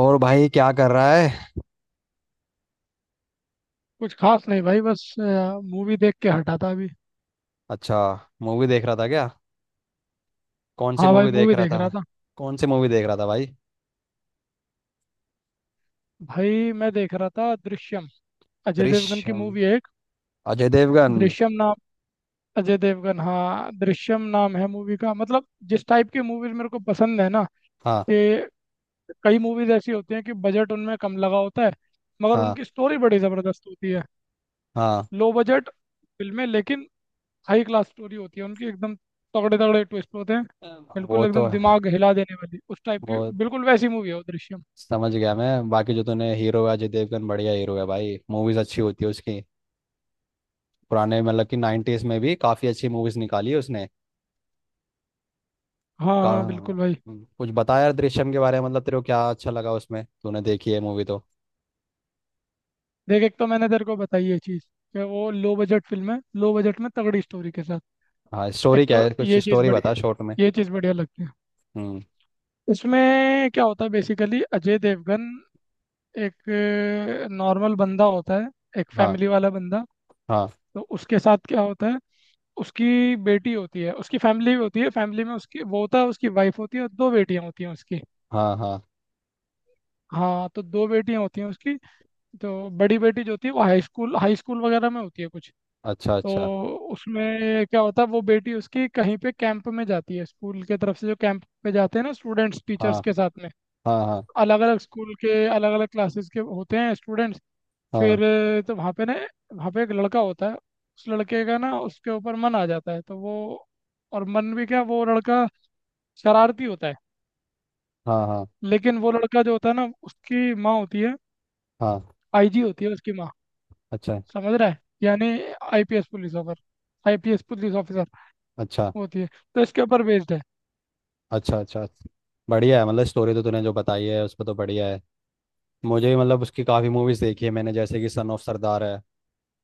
और भाई क्या कर रहा है। कुछ खास नहीं भाई, बस मूवी देख के हटा था अभी। अच्छा। मूवी देख रहा था क्या? कौन सी हाँ भाई, मूवी देख मूवी रहा देख था? रहा था। कौन सी मूवी देख रहा था भाई? भाई मैं देख रहा था दृश्यम। अजय देवगन की दृश्यम। मूवी है एक। अजय देवगन। दृश्यम नाम। अजय देवगन, हाँ, दृश्यम नाम है मूवी का। मतलब जिस टाइप की मूवीज मेरे को पसंद है ना, हाँ कि कई मूवीज ऐसी होती हैं कि बजट उनमें कम लगा होता है, मगर हाँ उनकी स्टोरी बड़ी ज़बरदस्त होती है। हाँ। लो बजट फिल्में, लेकिन हाई क्लास स्टोरी होती है उनकी एकदम। तगड़े तगड़े ट्विस्ट होते हैं। वो बिल्कुल तो एकदम है। दिमाग हिला देने वाली, उस टाइप वो की बिल्कुल वैसी मूवी है वो दृश्यम। समझ गया मैं। बाकी जो तूने, हीरो है अजय देवगन, बढ़िया हीरो है भाई। मूवीज अच्छी होती है उसकी। पुराने मतलब कि नाइन्टीज में भी काफी अच्छी मूवीज निकाली है उसने। हाँ का हाँ बिल्कुल भाई। कुछ बता यार दृश्यम के बारे में। मतलब तेरे को क्या अच्छा लगा उसमें, तूने देखी है मूवी तो। देख, एक तो मैंने तेरे को बताई ये चीज़ कि वो लो बजट फिल्म है, लो बजट में तगड़ी स्टोरी के साथ। हाँ स्टोरी एक क्या तो है, कुछ ये चीज़ स्टोरी बड़ी, बता शॉर्ट में। ये चीज़ बढ़िया लगती है। हम्म। इसमें क्या होता है, बेसिकली अजय देवगन एक नॉर्मल बंदा होता है, एक हाँ फैमिली वाला बंदा। हाँ। तो उसके साथ क्या होता है, उसकी बेटी होती है, उसकी फैमिली होती है। फैमिली में उसकी वो होता है, उसकी वाइफ होती है और दो बेटियां होती हैं उसकी। हाँ हाँ। हाँ, तो दो बेटियां होती हैं उसकी। तो बड़ी बेटी जो होती है वो हाई स्कूल, हाई स्कूल वगैरह में होती है कुछ। अच्छा तो अच्छा। उसमें क्या होता है, वो बेटी उसकी कहीं पे कैंप में जाती है, स्कूल के तरफ से जो कैंप पे जाते हैं ना स्टूडेंट्स टीचर्स हाँ के साथ में। हाँ। हाँ अलग अलग स्कूल के, अलग अलग क्लासेस के होते हैं स्टूडेंट्स। हाँ। फिर तो वहाँ पे ना, वहाँ पे एक लड़का होता है। उस लड़के का ना उसके ऊपर मन आ जाता है, तो वो, और मन भी क्या, वो लड़का शरारती होता है। हाँ हाँ लेकिन वो लड़का जो होता है ना, उसकी माँ होती है, हाँ। आईजी होती है उसकी माँ। अच्छा समझ रहा है यानी, IPS police officer, IPS police officer अच्छा। होती है। तो इसके ऊपर बेस्ड है। अच्छा अच्छा। बढ़िया है, मतलब स्टोरी तो तूने जो बताई है उस पर तो बढ़िया है। मुझे भी मतलब उसकी काफ़ी मूवीज़ देखी है मैंने, जैसे कि सन ऑफ सरदार है।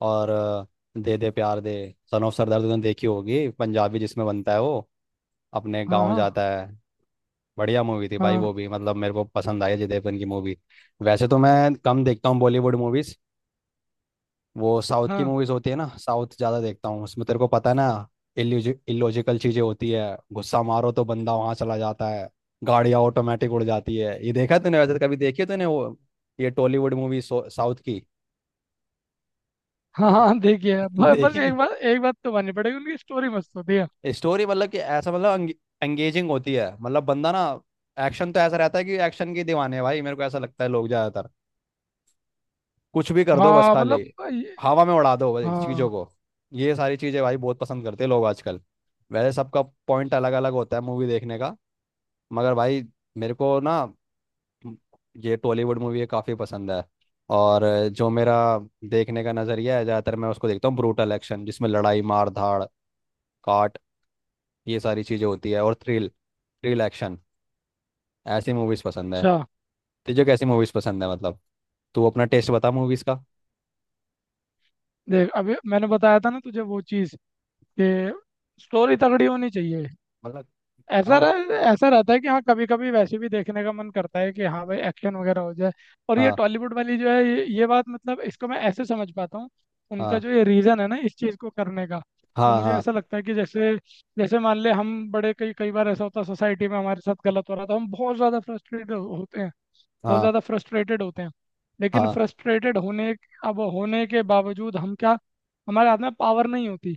और दे दे प्यार दे। सन ऑफ सरदार तो तूने देखी होगी, पंजाबी जिसमें बनता है वो, अपने गांव हाँ जाता है। बढ़िया मूवी थी भाई हाँ। वो भी, मतलब मेरे को पसंद आई अजय देवगन की मूवी। वैसे तो मैं कम देखता हूँ बॉलीवुड मूवीज़। वो साउथ की हाँ मूवीज होती है ना, साउथ ज्यादा देखता हूँ, उसमें तेरे को पता है ना। इलॉजिकल चीजें होती है। गुस्सा मारो तो बंदा वहां चला जाता है। गाड़ियां ऑटोमेटिक उड़ जाती है, ये देखा तूने? वैसे कभी देखी है तूने वो, ये टॉलीवुड मूवी साउथ की? हाँ हाँ। देखिए, बस एक देखिए, बात, एक बात तो माननी पड़ेगी, उनकी स्टोरी मस्त होती है। स्टोरी मतलब कि ऐसा, मतलब एंगेजिंग होती है। मतलब बंदा ना, एक्शन तो ऐसा रहता है कि एक्शन के दीवाने हैं भाई, मेरे को ऐसा लगता है लोग ज्यादातर। कुछ भी कर दो बस हाँ मतलब खाली ये- हवा में उड़ा दो भाई चीज़ों हाँ। को। ये सारी चीज़ें भाई बहुत पसंद करते हैं लोग आजकल। वैसे सबका पॉइंट अलग अलग होता है मूवी देखने का। मगर भाई मेरे को ना, म- ये टॉलीवुड मूवी काफ़ी पसंद है। और जो मेरा देखने का नज़रिया है ज़्यादातर मैं उसको देखता हूँ, ब्रूटल एक्शन जिसमें लड़ाई, मार धाड़, काट, ये सारी चीज़ें होती है और थ्रिल, थ्रिल एक्शन, ऐसी मूवीज़ पसंद है। अच्छा, तुझे कैसी मूवीज़ पसंद है मतलब? तू अपना टेस्ट बता मूवीज़ का। देख, अभी मैंने बताया था ना तुझे वो चीज़ कि स्टोरी तगड़ी होनी चाहिए। मतलब हाँ ऐसा रहता है कि हाँ कभी कभी वैसे भी देखने का मन करता है कि हाँ भाई एक्शन वगैरह हो जाए। और ये हाँ। टॉलीवुड वाली जो है ये बात मतलब इसको मैं ऐसे समझ पाता हूँ। उनका हाँ जो ये रीज़न है ना इस चीज़ को करने का, वो हाँ। मुझे हाँ ऐसा लगता है कि जैसे, जैसे मान ले हम बड़े, कई कई बार ऐसा होता है सोसाइटी में हमारे साथ गलत हो रहा था, हम बहुत ज़्यादा फ्रस्ट्रेटेड होते हैं, बहुत हाँ ज़्यादा फ्रस्ट्रेटेड होते हैं। लेकिन हाँ। फ्रस्ट्रेटेड होने, अब होने के बावजूद हम क्या, हमारे हाथ में पावर नहीं होती।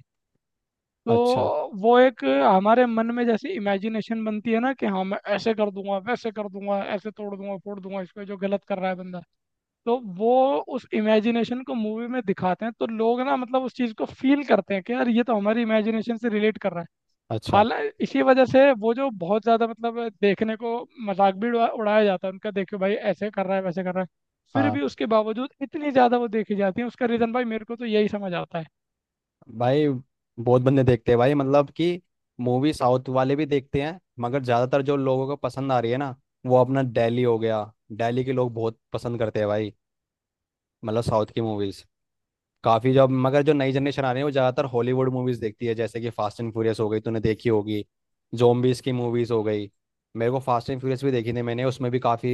तो अच्छा वो एक हमारे मन में जैसी इमेजिनेशन बनती है ना, कि हाँ मैं ऐसे कर दूंगा, वैसे कर दूंगा, ऐसे तोड़ दूंगा, फोड़ दूंगा इसको जो गलत कर रहा है बंदा। तो वो उस इमेजिनेशन को मूवी में दिखाते हैं, तो लोग ना मतलब उस चीज़ को फील करते हैं कि यार, ये तो हमारी इमेजिनेशन से रिलेट कर रहा है। अच्छा। हालांकि इसी वजह से वो जो बहुत ज़्यादा मतलब देखने को, मजाक भी उड़ाया जाता है उनका, देखो भाई ऐसे कर रहा है, वैसे कर रहा है। फिर हाँ भी उसके बावजूद इतनी ज़्यादा वो देखी जाती है, उसका रीज़न भाई मेरे को तो यही समझ आता है। भाई बहुत बंदे देखते हैं भाई, मतलब कि मूवी साउथ वाले भी देखते हैं, मगर ज़्यादातर जो लोगों को पसंद आ रही है ना, वो अपना दिल्ली हो गया। दिल्ली के लोग बहुत पसंद करते हैं भाई, मतलब साउथ की मूवीज काफी जॉब। मगर जो नई जनरेशन आ रही है वो ज्यादातर हॉलीवुड मूवीज देखती है, जैसे कि फास्ट एंड फ्यूरियस हो गई, तूने देखी होगी, जोम्बीज की मूवीज हो गई। मेरे को फास्ट एंड फ्यूरियस भी देखी थी मैंने, उसमें भी काफी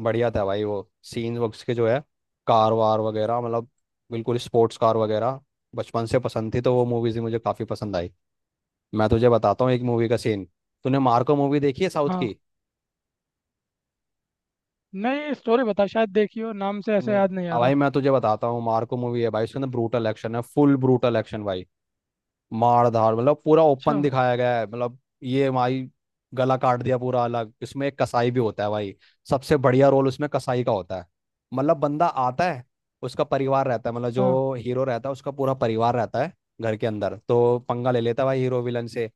बढ़िया था भाई। वो सीन्स उसके जो है, कार वार वगैरह मतलब, बिल्कुल स्पोर्ट्स कार वगैरह बचपन से पसंद थी, तो वो मूवीज भी मुझे काफी पसंद आई। मैं तुझे बताता हूँ एक मूवी का सीन। तूने मार्को मूवी देखी है साउथ हाँ। की? नहीं, स्टोरी बता, शायद देखी हो, नाम से ऐसे नहीं? याद नहीं आ अब भाई रहा। मैं तुझे बताता हूँ, मार्को मूवी है भाई, उसके अंदर ब्रूटल एक्शन है, फुल ब्रूटल एक्शन भाई, मार धाड़, मतलब पूरा अच्छा। ओपन दिखाया गया है, मतलब ये भाई गला काट दिया, पूरा अलग। इसमें एक कसाई भी होता है भाई, सबसे बढ़िया रोल उसमें कसाई का होता है। मतलब बंदा आता है, उसका परिवार रहता है, मतलब हाँ। जो हीरो रहता है उसका पूरा परिवार रहता है। घर के अंदर तो पंगा ले लेता है भाई हीरो विलन से।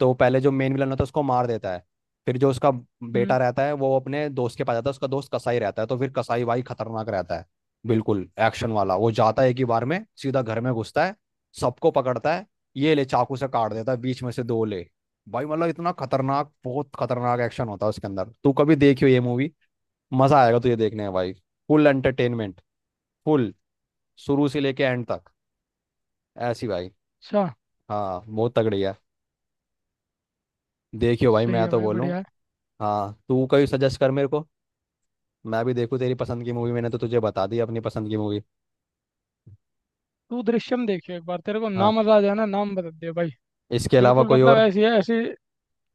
तो पहले जो मेन विलन होता है उसको मार देता है। फिर जो उसका हम्म। बेटा रहता है वो अपने दोस्त के पास जाता है, उसका दोस्त कसाई रहता है, तो फिर कसाई भाई खतरनाक रहता है। बिल्कुल एक्शन वाला, वो जाता है एक ही बार में सीधा घर में घुसता है, सबको पकड़ता है, ये ले चाकू से काट देता है बीच में से, दो ले। भाई मतलब इतना खतरनाक, बहुत खतरनाक एक्शन होता है उसके अंदर। तू कभी देखियो ये मूवी, मजा आएगा तुझे देखने में भाई। फुल एंटरटेनमेंट, फुल, शुरू से लेके एंड तक, ऐसी भाई। अच्छा। हाँ बहुत तगड़ी है, देखियो भाई सही मैं है तो भाई, बोलूँ। बढ़िया है। हाँ तू कभी सजेस्ट कर मेरे को, मैं भी देखूँ तेरी पसंद की मूवी, मैंने तो तुझे बता दी अपनी पसंद की मूवी। तू दृश्यम देखियो एक बार, तेरे को ना हाँ। मजा आ जाए ना। नाम बता दे भाई, इसके अलावा बिल्कुल कोई मतलब और? ऐसी है ऐसी।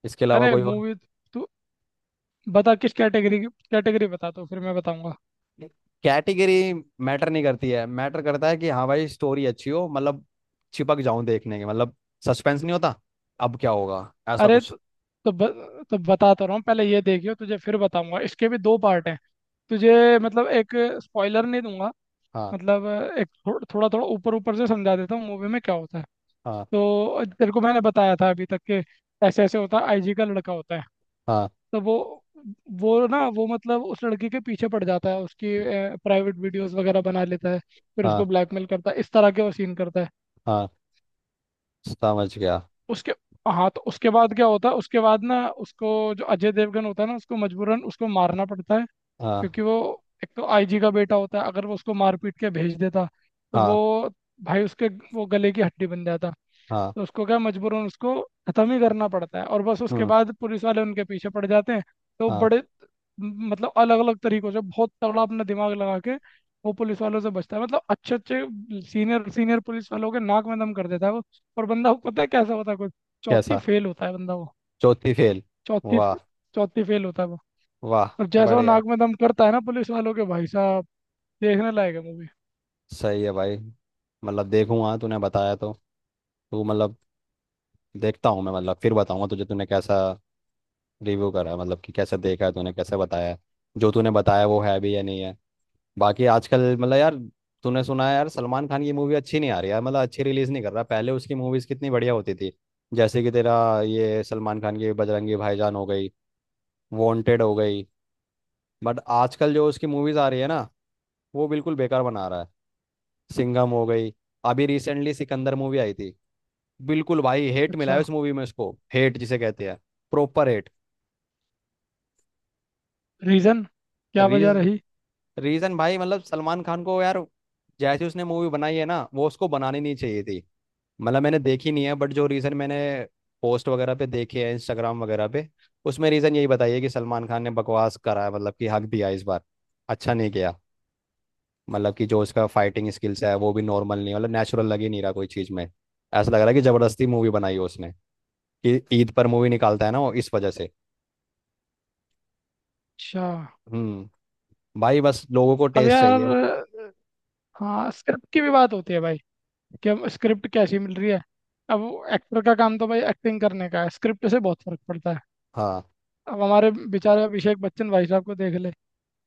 इसके अलावा अरे कोई और? मूवी, तू बता किस कैटेगरी की, कैटेगरी बता तो फिर मैं बताऊंगा। कैटेगरी मैटर नहीं करती है, मैटर करता है कि हाँ भाई स्टोरी अच्छी हो, मतलब चिपक जाऊं देखने के, मतलब सस्पेंस नहीं होता, अब क्या होगा, ऐसा अरे कुछ। तो, तो बता तो रहा हूँ, पहले ये देखियो तुझे फिर बताऊंगा, इसके भी दो पार्ट हैं। तुझे मतलब एक स्पॉइलर नहीं दूंगा। हाँ मतलब एक थोड़ा थोड़ा ऊपर ऊपर से समझा देता हूँ मूवी में क्या होता है। हाँ। तो तेरे को मैंने बताया था अभी तक कि ऐसे ऐसे होता है, आईजी का लड़का होता है। हाँ तो वो ना वो मतलब उस लड़की के पीछे पड़ जाता है, उसकी प्राइवेट वीडियोस वगैरह बना लेता है, फिर उसको हाँ ब्लैकमेल करता है, इस तरह के वो सीन करता है। हाँ। समझ गया। उसके, हाँ तो उसके बाद क्या होता है, उसके बाद ना उसको, जो अजय देवगन होता है ना उसको मजबूरन उसको मारना पड़ता है। हाँ क्योंकि वो, एक तो आईजी का बेटा होता है, अगर वो उसको मार पीट के भेज देता, तो हाँ वो भाई उसके, वो गले की हड्डी बन जाता। हाँ। तो उसको क्या, मजबूरन उसको खत्म ही करना पड़ता है, और बस उसके हम्म। बाद पुलिस वाले उनके पीछे पड़ जाते हैं। तो हाँ। बड़े, मतलब अलग अलग तरीकों से बहुत तगड़ा अपना दिमाग लगा के वो पुलिस वालों से बचता है। मतलब अच्छे अच्छे, सीनियर सीनियर पुलिस वालों के नाक में दम कर देता है वो। और बंदा वो पता है कैसा होता है कुछ, चौथी कैसा? फेल होता है बंदा वो। चौथी फेल? चौथी, वाह। चौथी फेल होता है वो। वाह। और जैसा वो बढ़िया। नाक में दम करता है ना पुलिस वालों के, भाई साहब, देखने लायक है मूवी। सही है भाई, मतलब देखूंगा तूने बताया तो। तू मतलब, देखता हूँ मैं, मतलब फिर बताऊंगा तुझे तूने कैसा रिव्यू करा, मतलब कि कैसे देखा है, तूने कैसे बताया है, जो तूने बताया वो है भी या नहीं है। बाकी आजकल मतलब यार, तूने सुना है यार सलमान खान की मूवी अच्छी नहीं आ रही यार, मतलब अच्छी रिलीज नहीं कर रहा। पहले उसकी मूवीज कितनी बढ़िया होती थी, जैसे कि तेरा ये सलमान खान की बजरंगी भाईजान हो गई, वांटेड हो गई। बट आजकल जो उसकी मूवीज आ रही है ना, वो बिल्कुल बेकार बना रहा है। सिंघम हो गई, अभी रिसेंटली सिकंदर मूवी आई थी, बिल्कुल भाई हेट मिला अच्छा। है उस मूवी में उसको, हेट जिसे कहते हैं प्रॉपर हेट। रीजन क्या, वजह रीज रही रीजन भाई मतलब, सलमान खान को यार जैसी उसने मूवी बनाई है ना वो उसको बनानी नहीं चाहिए थी। मतलब मैंने देखी नहीं है बट जो रीजन मैंने पोस्ट वगैरह पे देखे हैं इंस्टाग्राम वगैरह पे, उसमें रीजन यही बताइए कि सलमान खान ने बकवास करा है, मतलब कि हक दिया इस बार, अच्छा नहीं किया। मतलब कि जो उसका फाइटिंग स्किल्स है वो भी नॉर्मल नहीं, मतलब नेचुरल लग ही नहीं रहा कोई चीज़ में, ऐसा लग रहा है कि जबरदस्ती मूवी बनाई है उसने, कि ईद पर मूवी निकालता है ना वो, इस वजह से। अच्छा। हम्म। भाई बस लोगों को अब टेस्ट यार, चाहिए। हाँ स्क्रिप्ट की भी बात होती है भाई, कि हम स्क्रिप्ट कैसी मिल रही है। अब एक्टर का काम तो भाई एक्टिंग करने का है, स्क्रिप्ट से बहुत फर्क पड़ता है। हाँ अब हमारे बेचारे अभिषेक बच्चन भाई साहब को देख ले।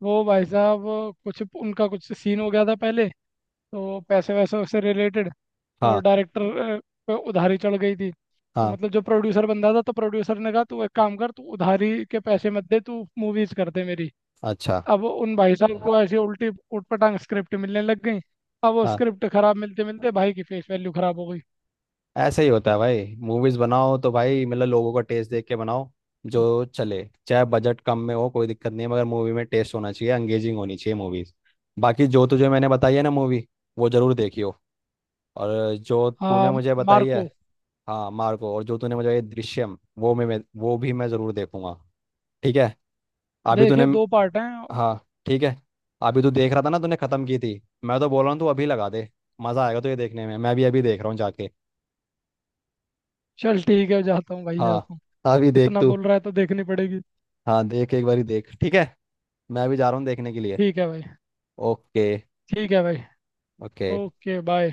वो भाई साहब, कुछ उनका कुछ सीन हो गया था पहले, तो पैसे वैसे से रिलेटेड तो हाँ। डायरेक्टर पे उधारी चढ़ गई थी। तो हाँ। मतलब जो प्रोड्यूसर बंदा था, तो प्रोड्यूसर ने कहा तू एक काम कर, तू उधारी के पैसे मत दे, तू मूवीज कर दे मेरी। अच्छा। अब उन भाई साहब को ऐसी उल्टी उटपटांग स्क्रिप्ट मिलने लग गई। अब वो हाँ स्क्रिप्ट खराब मिलते मिलते भाई की फेस वैल्यू खराब हो गई। ऐसे ही होता है भाई, मूवीज बनाओ तो भाई मतलब लोगों का टेस्ट देख के बनाओ, जो चले, चाहे बजट कम में हो कोई दिक्कत नहीं है, मगर मूवी में टेस्ट होना चाहिए, एंगेजिंग होनी चाहिए मूवीज। बाकी जो तुझे मैंने बताई है ना मूवी, वो जरूर देखियो। और जो तूने हाँ, मुझे बताई है मार्को। हाँ मार्को, और जो तूने मुझे ये दृश्यम, वो वो भी मैं जरूर देखूंगा। ठीक है। अभी तूने, देखिए दो पार्ट हैं। हाँ ठीक है, अभी तू देख रहा था ना, तूने खत्म की थी। मैं तो बोल रहा हूँ तू अभी लगा दे, मजा आएगा तो ये देखने में, मैं भी अभी देख रहा हूँ जाके। चल ठीक है, जाता हूँ भाई, हाँ जाता हूँ। अभी देख इतना तू। बोल रहा है तो देखनी पड़ेगी। हाँ देख एक बारी देख, ठीक है, मैं भी जा रहा हूँ देखने के लिए। ठीक है भाई। ओके। ठीक है भाई। ओके। Okay bye.